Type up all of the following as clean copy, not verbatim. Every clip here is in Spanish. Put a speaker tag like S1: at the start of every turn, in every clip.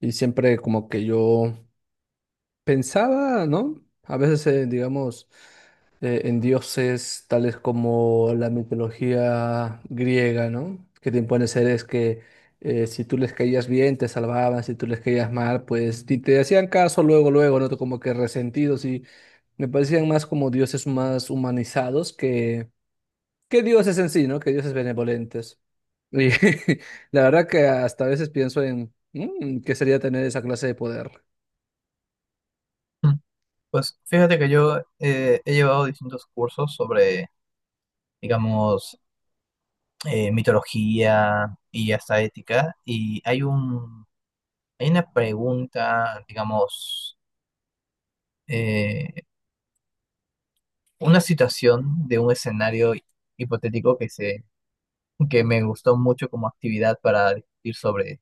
S1: Y siempre como que yo pensaba, ¿no? A veces, digamos, en dioses tales como la mitología griega, ¿no? Que te impone seres que si tú les caías bien, te salvaban, si tú les caías mal, pues ni te hacían caso luego, luego, ¿no? Como que resentidos. Y me parecían más como dioses más humanizados que dioses en sí, ¿no? Que dioses benevolentes. Y la verdad que hasta a veces pienso en qué sería tener esa clase de poder.
S2: Mm. Pues fíjate que yo he llevado distintos cursos sobre, digamos, mitología y hasta ética, y hay una pregunta, digamos, eh, una situación de un escenario hipotético que me gustó mucho como actividad para discutir sobre,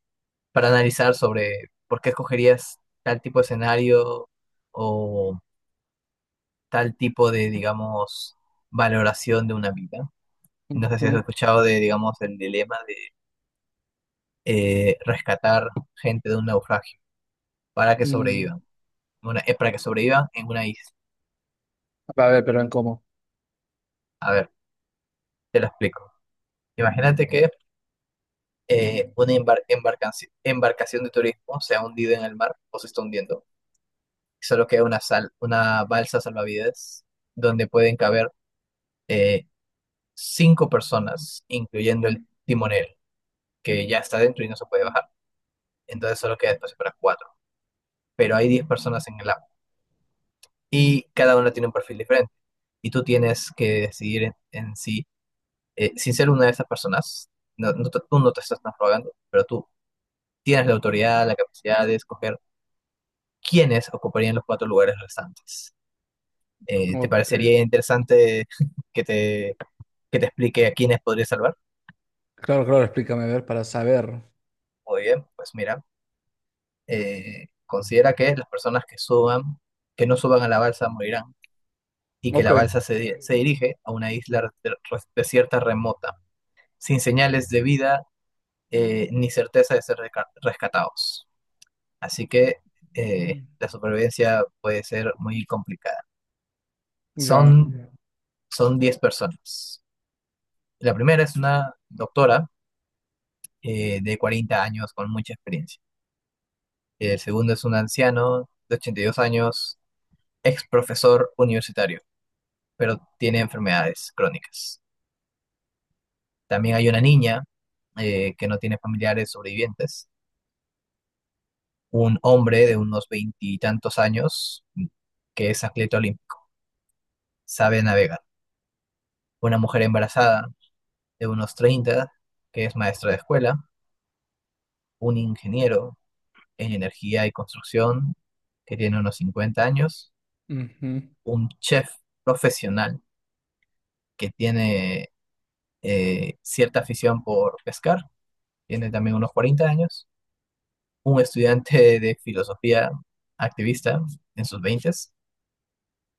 S2: para analizar sobre por qué escogerías tal tipo de escenario o tal tipo de, digamos, valoración de una vida. No sé si has
S1: Ujú.
S2: escuchado de, digamos, el dilema de rescatar gente de un naufragio para que
S1: Mm.
S2: sobrevivan. Para que sobrevivan en una isla.
S1: A ver, pero en cómo.
S2: A ver, te lo explico. Imagínate que una embarcación de turismo se ha hundido en el mar o se está hundiendo. Solo queda una balsa salvavidas donde pueden caber eh, cinco personas, incluyendo el timonel, que ya está dentro y no se puede bajar. Entonces solo queda espacio para cuatro. Pero hay 10 personas en el agua y cada una tiene un perfil diferente. Y tú tienes que decidir en sí, sin ser una de esas personas. No, tú no te estás transrogando, pero tú tienes la autoridad, la capacidad de escoger quiénes ocuparían los cuatro lugares restantes. ¿Te
S1: Ok.
S2: parecería interesante que te, que te explique a quiénes podrías salvar?
S1: Claro, claro, explícame, a ver, para saber.
S2: Muy bien, pues mira, considera que las personas que no suban a la balsa morirán y que
S1: Ok.
S2: la balsa se dirige a una isla desierta remota sin señales de vida, ni certeza de ser rescatados. Así que
S1: Mm,
S2: la supervivencia puede ser muy complicada.
S1: ya.
S2: Son, son 10 personas. La primera es una doctora de 40 años con mucha experiencia. El segundo es un anciano de 82 años, ex profesor universitario, pero tiene enfermedades crónicas. También hay una niña que no tiene familiares sobrevivientes. Un hombre de unos veintitantos años que es atleta olímpico, sabe navegar. Una mujer embarazada de unos 30 que es maestra de escuela, un ingeniero en energía y construcción, que tiene unos 50 años,
S1: Ujú.
S2: un chef profesional que tiene cierta afición por pescar, tiene también unos 40 años, un estudiante de filosofía activista en sus veintes,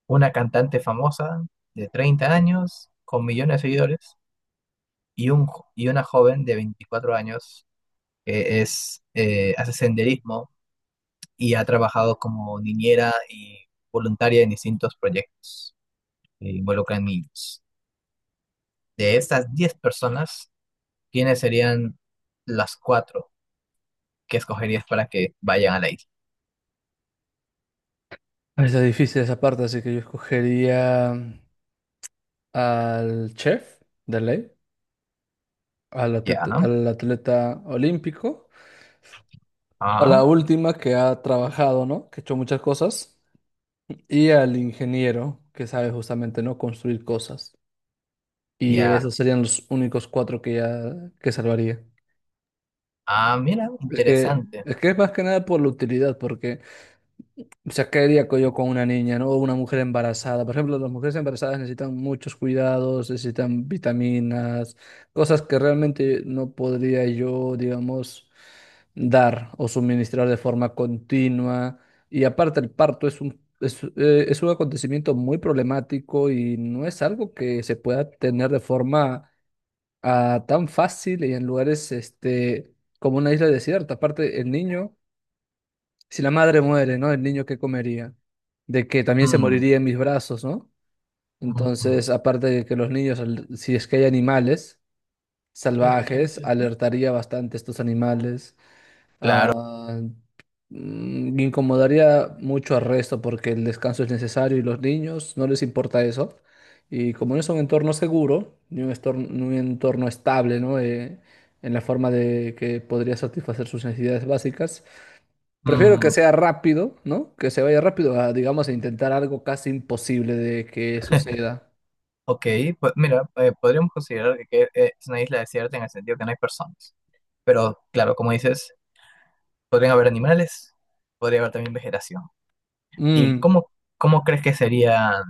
S2: una cantante famosa de 30 años con millones de seguidores, y, un, y una joven de 24 años que es, hace senderismo y ha trabajado como niñera y voluntaria en distintos proyectos que involucran niños. De estas 10 personas, ¿quiénes serían las cuatro que escogerías para que vayan a la isla?
S1: Está difícil esa parte, así que yo escogería al chef de ley, al,
S2: Ya,
S1: atleta-
S2: ¿no?
S1: al atleta olímpico, a
S2: Ah,
S1: la última que ha trabajado, ¿no? Que ha hecho muchas cosas, y al ingeniero que sabe justamente, ¿no? Construir cosas. Y esos
S2: ya.
S1: serían los únicos cuatro que ya que salvaría.
S2: Ah, mira,
S1: Es que,
S2: interesante.
S1: es que es más que nada por la utilidad, porque, o sea, ¿qué haría yo con una niña, ¿no? O una mujer embarazada. Por ejemplo, las mujeres embarazadas necesitan muchos cuidados, necesitan vitaminas, cosas que realmente no podría yo, digamos, dar o suministrar de forma continua. Y aparte, el parto es un acontecimiento muy problemático, y no es algo que se pueda tener de forma ah, tan fácil y en lugares, este, como una isla desierta. Aparte, el niño, si la madre muere, ¿no? ¿El niño qué comería? De que también se
S2: Mm.
S1: moriría en mis brazos, ¿no?
S2: Ujú.
S1: Entonces, aparte de que los niños, si es que hay animales salvajes, alertaría bastante a estos animales.
S2: Claro.
S1: Ah, incomodaría mucho al resto, porque el descanso es necesario y los niños no les importa eso. Y como no es un entorno seguro, ni un entorno estable, ¿no? En la forma de que podría satisfacer sus necesidades básicas. Prefiero que
S2: Mm,
S1: sea rápido, ¿no? Que se vaya rápido a, digamos, a intentar algo casi imposible de que suceda.
S2: ok, pues mira, podríamos considerar que es una isla desierta en el sentido que no hay personas. Pero claro, como dices, podrían haber animales, podría haber también vegetación. ¿Y
S1: Mm,
S2: cómo crees que serían,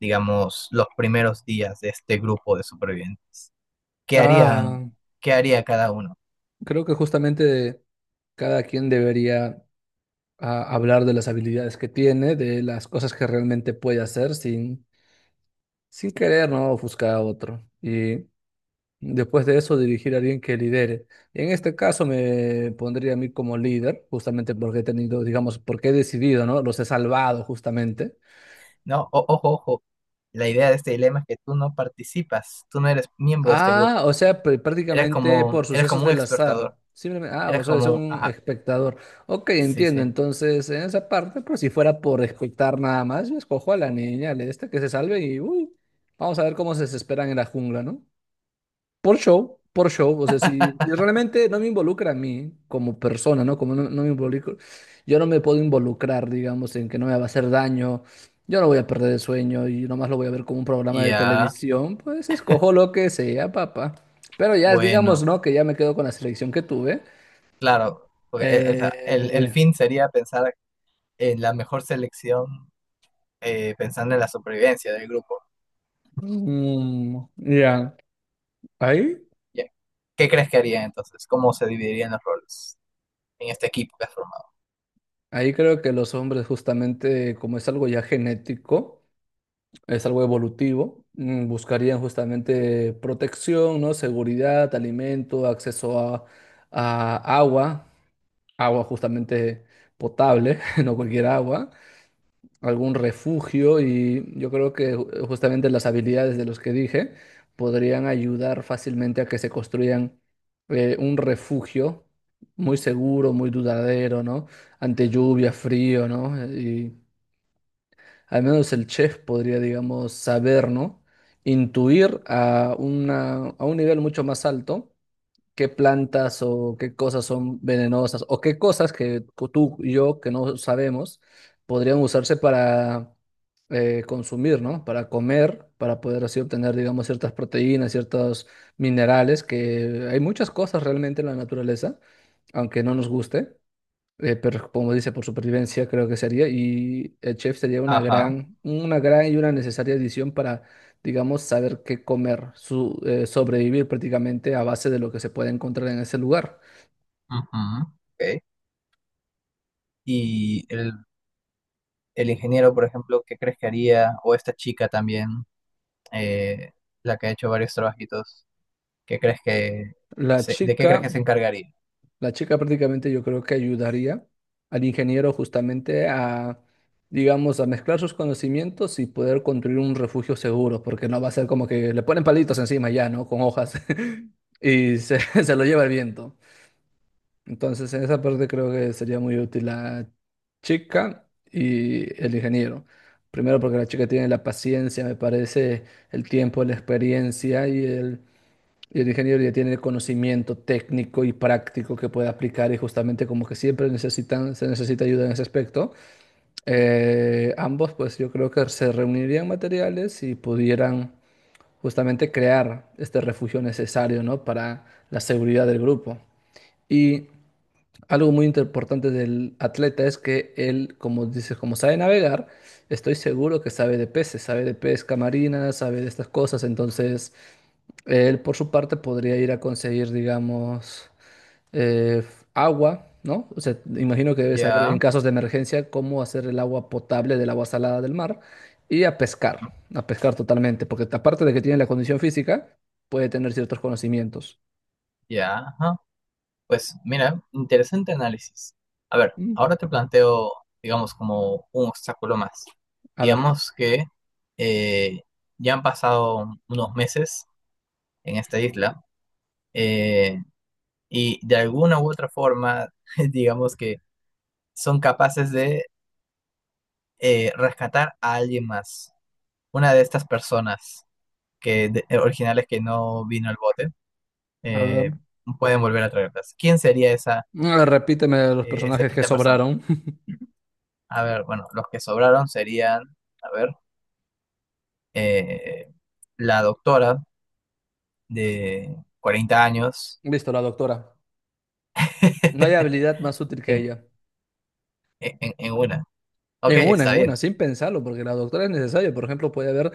S2: digamos, los primeros días de este grupo de supervivientes? ¿Qué harían,
S1: ah,
S2: qué haría cada uno?
S1: creo que justamente cada quien debería ah, hablar de las habilidades que tiene, de las cosas que realmente puede hacer sin querer, ¿no? Ofuscar a otro. Y después de eso, dirigir a alguien que lidere. En este caso me pondría a mí como líder, justamente porque he tenido, digamos, porque he decidido, ¿no? Los he salvado justamente.
S2: No. Ojo, ojo, la idea de este dilema es que tú no participas, tú no eres miembro de este
S1: Ah,
S2: grupo.
S1: o sea,
S2: Eres
S1: prácticamente por
S2: como, eres
S1: sucesos
S2: como un
S1: del
S2: expertador,
S1: azar. Simplemente, ah, o sea, es un
S2: ajá,
S1: espectador. Ok,
S2: sí,
S1: entiendo.
S2: sí,
S1: Entonces, en esa parte, pues si fuera por espectar nada más, yo escojo a la niña, le esta que se salve y uy, vamos a ver cómo se desesperan en la jungla, ¿no? Por show, o sea, si realmente no me involucra a mí como persona, ¿no? Como no, no me involucro, yo no me puedo involucrar, digamos, en que no me va a hacer daño, yo no voy a perder el sueño y nomás lo voy a ver como un programa de
S2: ya,
S1: televisión, pues escojo lo que sea, papá. Pero ya, digamos,
S2: bueno,
S1: ¿no? Que ya me quedo con la selección que tuve.
S2: claro, porque o sea, el
S1: Eh,
S2: fin sería pensar en la mejor selección, pensando en la supervivencia del grupo.
S1: ya, Ahí,
S2: Ya. ¿Qué crees que harían entonces? ¿Cómo se dividirían los roles en este equipo que has formado?
S1: ahí creo que los hombres, justamente, como es algo ya genético, es algo evolutivo. Buscarían justamente protección, ¿no? Seguridad, alimento, acceso a agua, agua justamente potable, no cualquier agua, algún refugio. Y yo creo que justamente las habilidades de los que dije podrían ayudar fácilmente a que se construyan un refugio muy seguro, muy duradero, ¿no? Ante lluvia, frío, ¿no? Al menos el chef podría, digamos, saber, ¿no? Intuir a una, a un nivel mucho más alto qué plantas o qué cosas son venenosas, o qué cosas que tú y yo que no sabemos podrían usarse para consumir, ¿no? Para comer, para poder así obtener, digamos, ciertas proteínas, ciertos minerales, que hay muchas cosas realmente en la naturaleza, aunque no nos guste. Pero como dice, por supervivencia creo que sería, y el chef sería una
S2: Ajá.
S1: gran, una gran y una necesaria adición para, digamos, saber qué comer, sobrevivir prácticamente a base de lo que se puede encontrar en ese lugar.
S2: Ujú, ok. Y el ingeniero, por ejemplo, ¿qué crees que haría? O esta chica también, eh, la que ha hecho varios trabajitos, ¿qué crees que
S1: La
S2: de qué crees
S1: chica,
S2: que se encargaría?
S1: la chica prácticamente yo creo que ayudaría al ingeniero, justamente a, digamos, a mezclar sus conocimientos y poder construir un refugio seguro, porque no va a ser como que le ponen palitos encima ya, ¿no? Con hojas y se, se lo lleva el viento. Entonces, en esa parte creo que sería muy útil la chica y el ingeniero. Primero, porque la chica tiene la paciencia, me parece, el tiempo, la experiencia, y el ingeniero ya tiene el conocimiento técnico y práctico que puede aplicar, y justamente como que siempre necesitan, se necesita ayuda en ese aspecto. Ambos, pues yo creo que se reunirían materiales y pudieran justamente crear este refugio necesario, ¿no? Para la seguridad del grupo. Y algo muy importante del atleta es que él, como dices, como sabe navegar, estoy seguro que sabe de peces, sabe de pesca marina, sabe de estas cosas. Entonces, él por su parte podría ir a conseguir, digamos, eh, agua, ¿no? O sea, imagino que debe saber en
S2: Ya,
S1: casos de emergencia cómo hacer el agua potable del agua salada del mar, y a pescar, totalmente, porque aparte de que tiene la condición física, puede tener ciertos conocimientos.
S2: ya, ajá. Pues mira, interesante análisis. A ver,
S1: Mm,
S2: ahora te planteo, digamos, como un obstáculo más.
S1: a ver.
S2: Digamos que eh, ya han pasado unos meses en esta isla, eh, y de alguna u otra forma, digamos que son capaces de rescatar a alguien más, una de estas personas que originales que no vino al bote,
S1: A ver.
S2: eh, pueden volver a traerlas. ¿Quién sería esa,
S1: Ah, repíteme los
S2: eh, esa
S1: personajes que
S2: quinta persona?
S1: sobraron.
S2: A ver, bueno, los que sobraron serían, a ver, eh, la doctora de 40 años
S1: Listo, la doctora. No hay habilidad más útil que
S2: en,
S1: ella.
S2: en una. Ok,
S1: En una, en
S2: está
S1: una,
S2: bien,
S1: sin pensarlo, porque la doctora es necesaria. Por ejemplo, puede haber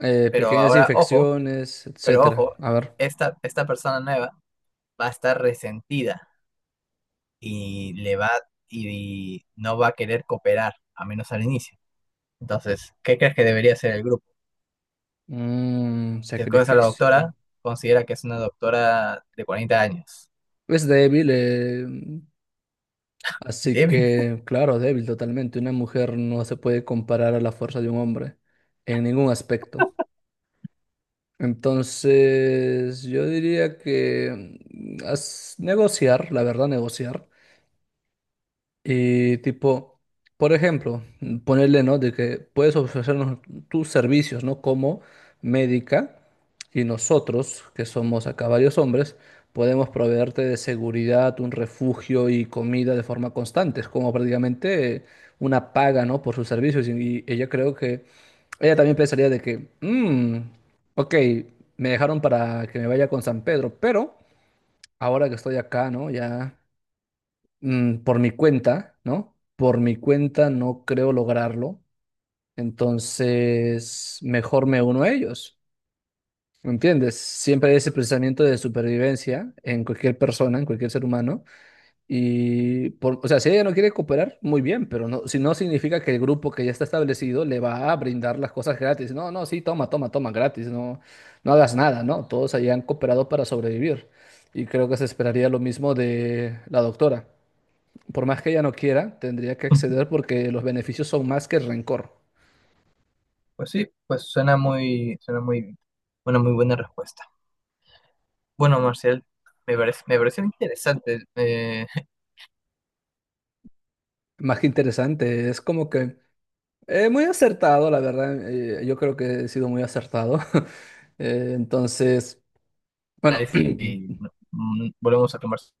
S2: pero
S1: pequeñas
S2: ahora, ojo.
S1: infecciones,
S2: Pero
S1: etcétera.
S2: ojo,
S1: A ver.
S2: esta persona nueva va a estar resentida y le va y no va a querer cooperar, a menos al inicio. Entonces, ¿qué crees que debería hacer el grupo?
S1: Mm,
S2: Si escoges a la
S1: sacrificio.
S2: doctora, considera que es una doctora de 40 años.
S1: Es débil, así
S2: Débil.
S1: que, claro, débil totalmente. Una mujer no se puede comparar a la fuerza de un hombre en ningún aspecto. Entonces, yo diría que negociar, la verdad, negociar. Y tipo, por ejemplo, ponerle, ¿no? De que puedes ofrecernos tus servicios, ¿no? Como médica, y nosotros, que somos acá varios hombres, podemos proveerte de seguridad, un refugio y comida de forma constante. Es como prácticamente una paga, ¿no? Por sus servicios. Y ella, creo que, ella también pensaría de que: "Mm, ok, me dejaron para que me vaya con San Pedro, pero ahora que estoy acá, ¿no? Ya, por mi cuenta, ¿no? Por mi cuenta no creo lograrlo, entonces mejor me uno a ellos". ¿Me entiendes? Siempre hay ese pensamiento de supervivencia en cualquier persona, en cualquier ser humano, y por, o sea, si ella no quiere cooperar, muy bien, pero no, si no significa que el grupo que ya está establecido le va a brindar las cosas gratis, no, no, sí, toma, toma, toma, gratis, no, no hagas nada, ¿no? Todos hayan cooperado para sobrevivir, y creo que se esperaría lo mismo de la doctora; por más que ella no quiera, tendría que acceder porque los beneficios son más que el rencor.
S2: Pues sí, una muy buena respuesta. Bueno, Marcial, me pareció interesante
S1: Más que interesante, es como que muy acertado, la verdad. Yo creo que he sido muy acertado. Entonces, bueno,
S2: analizar y bueno, volvemos a conversar.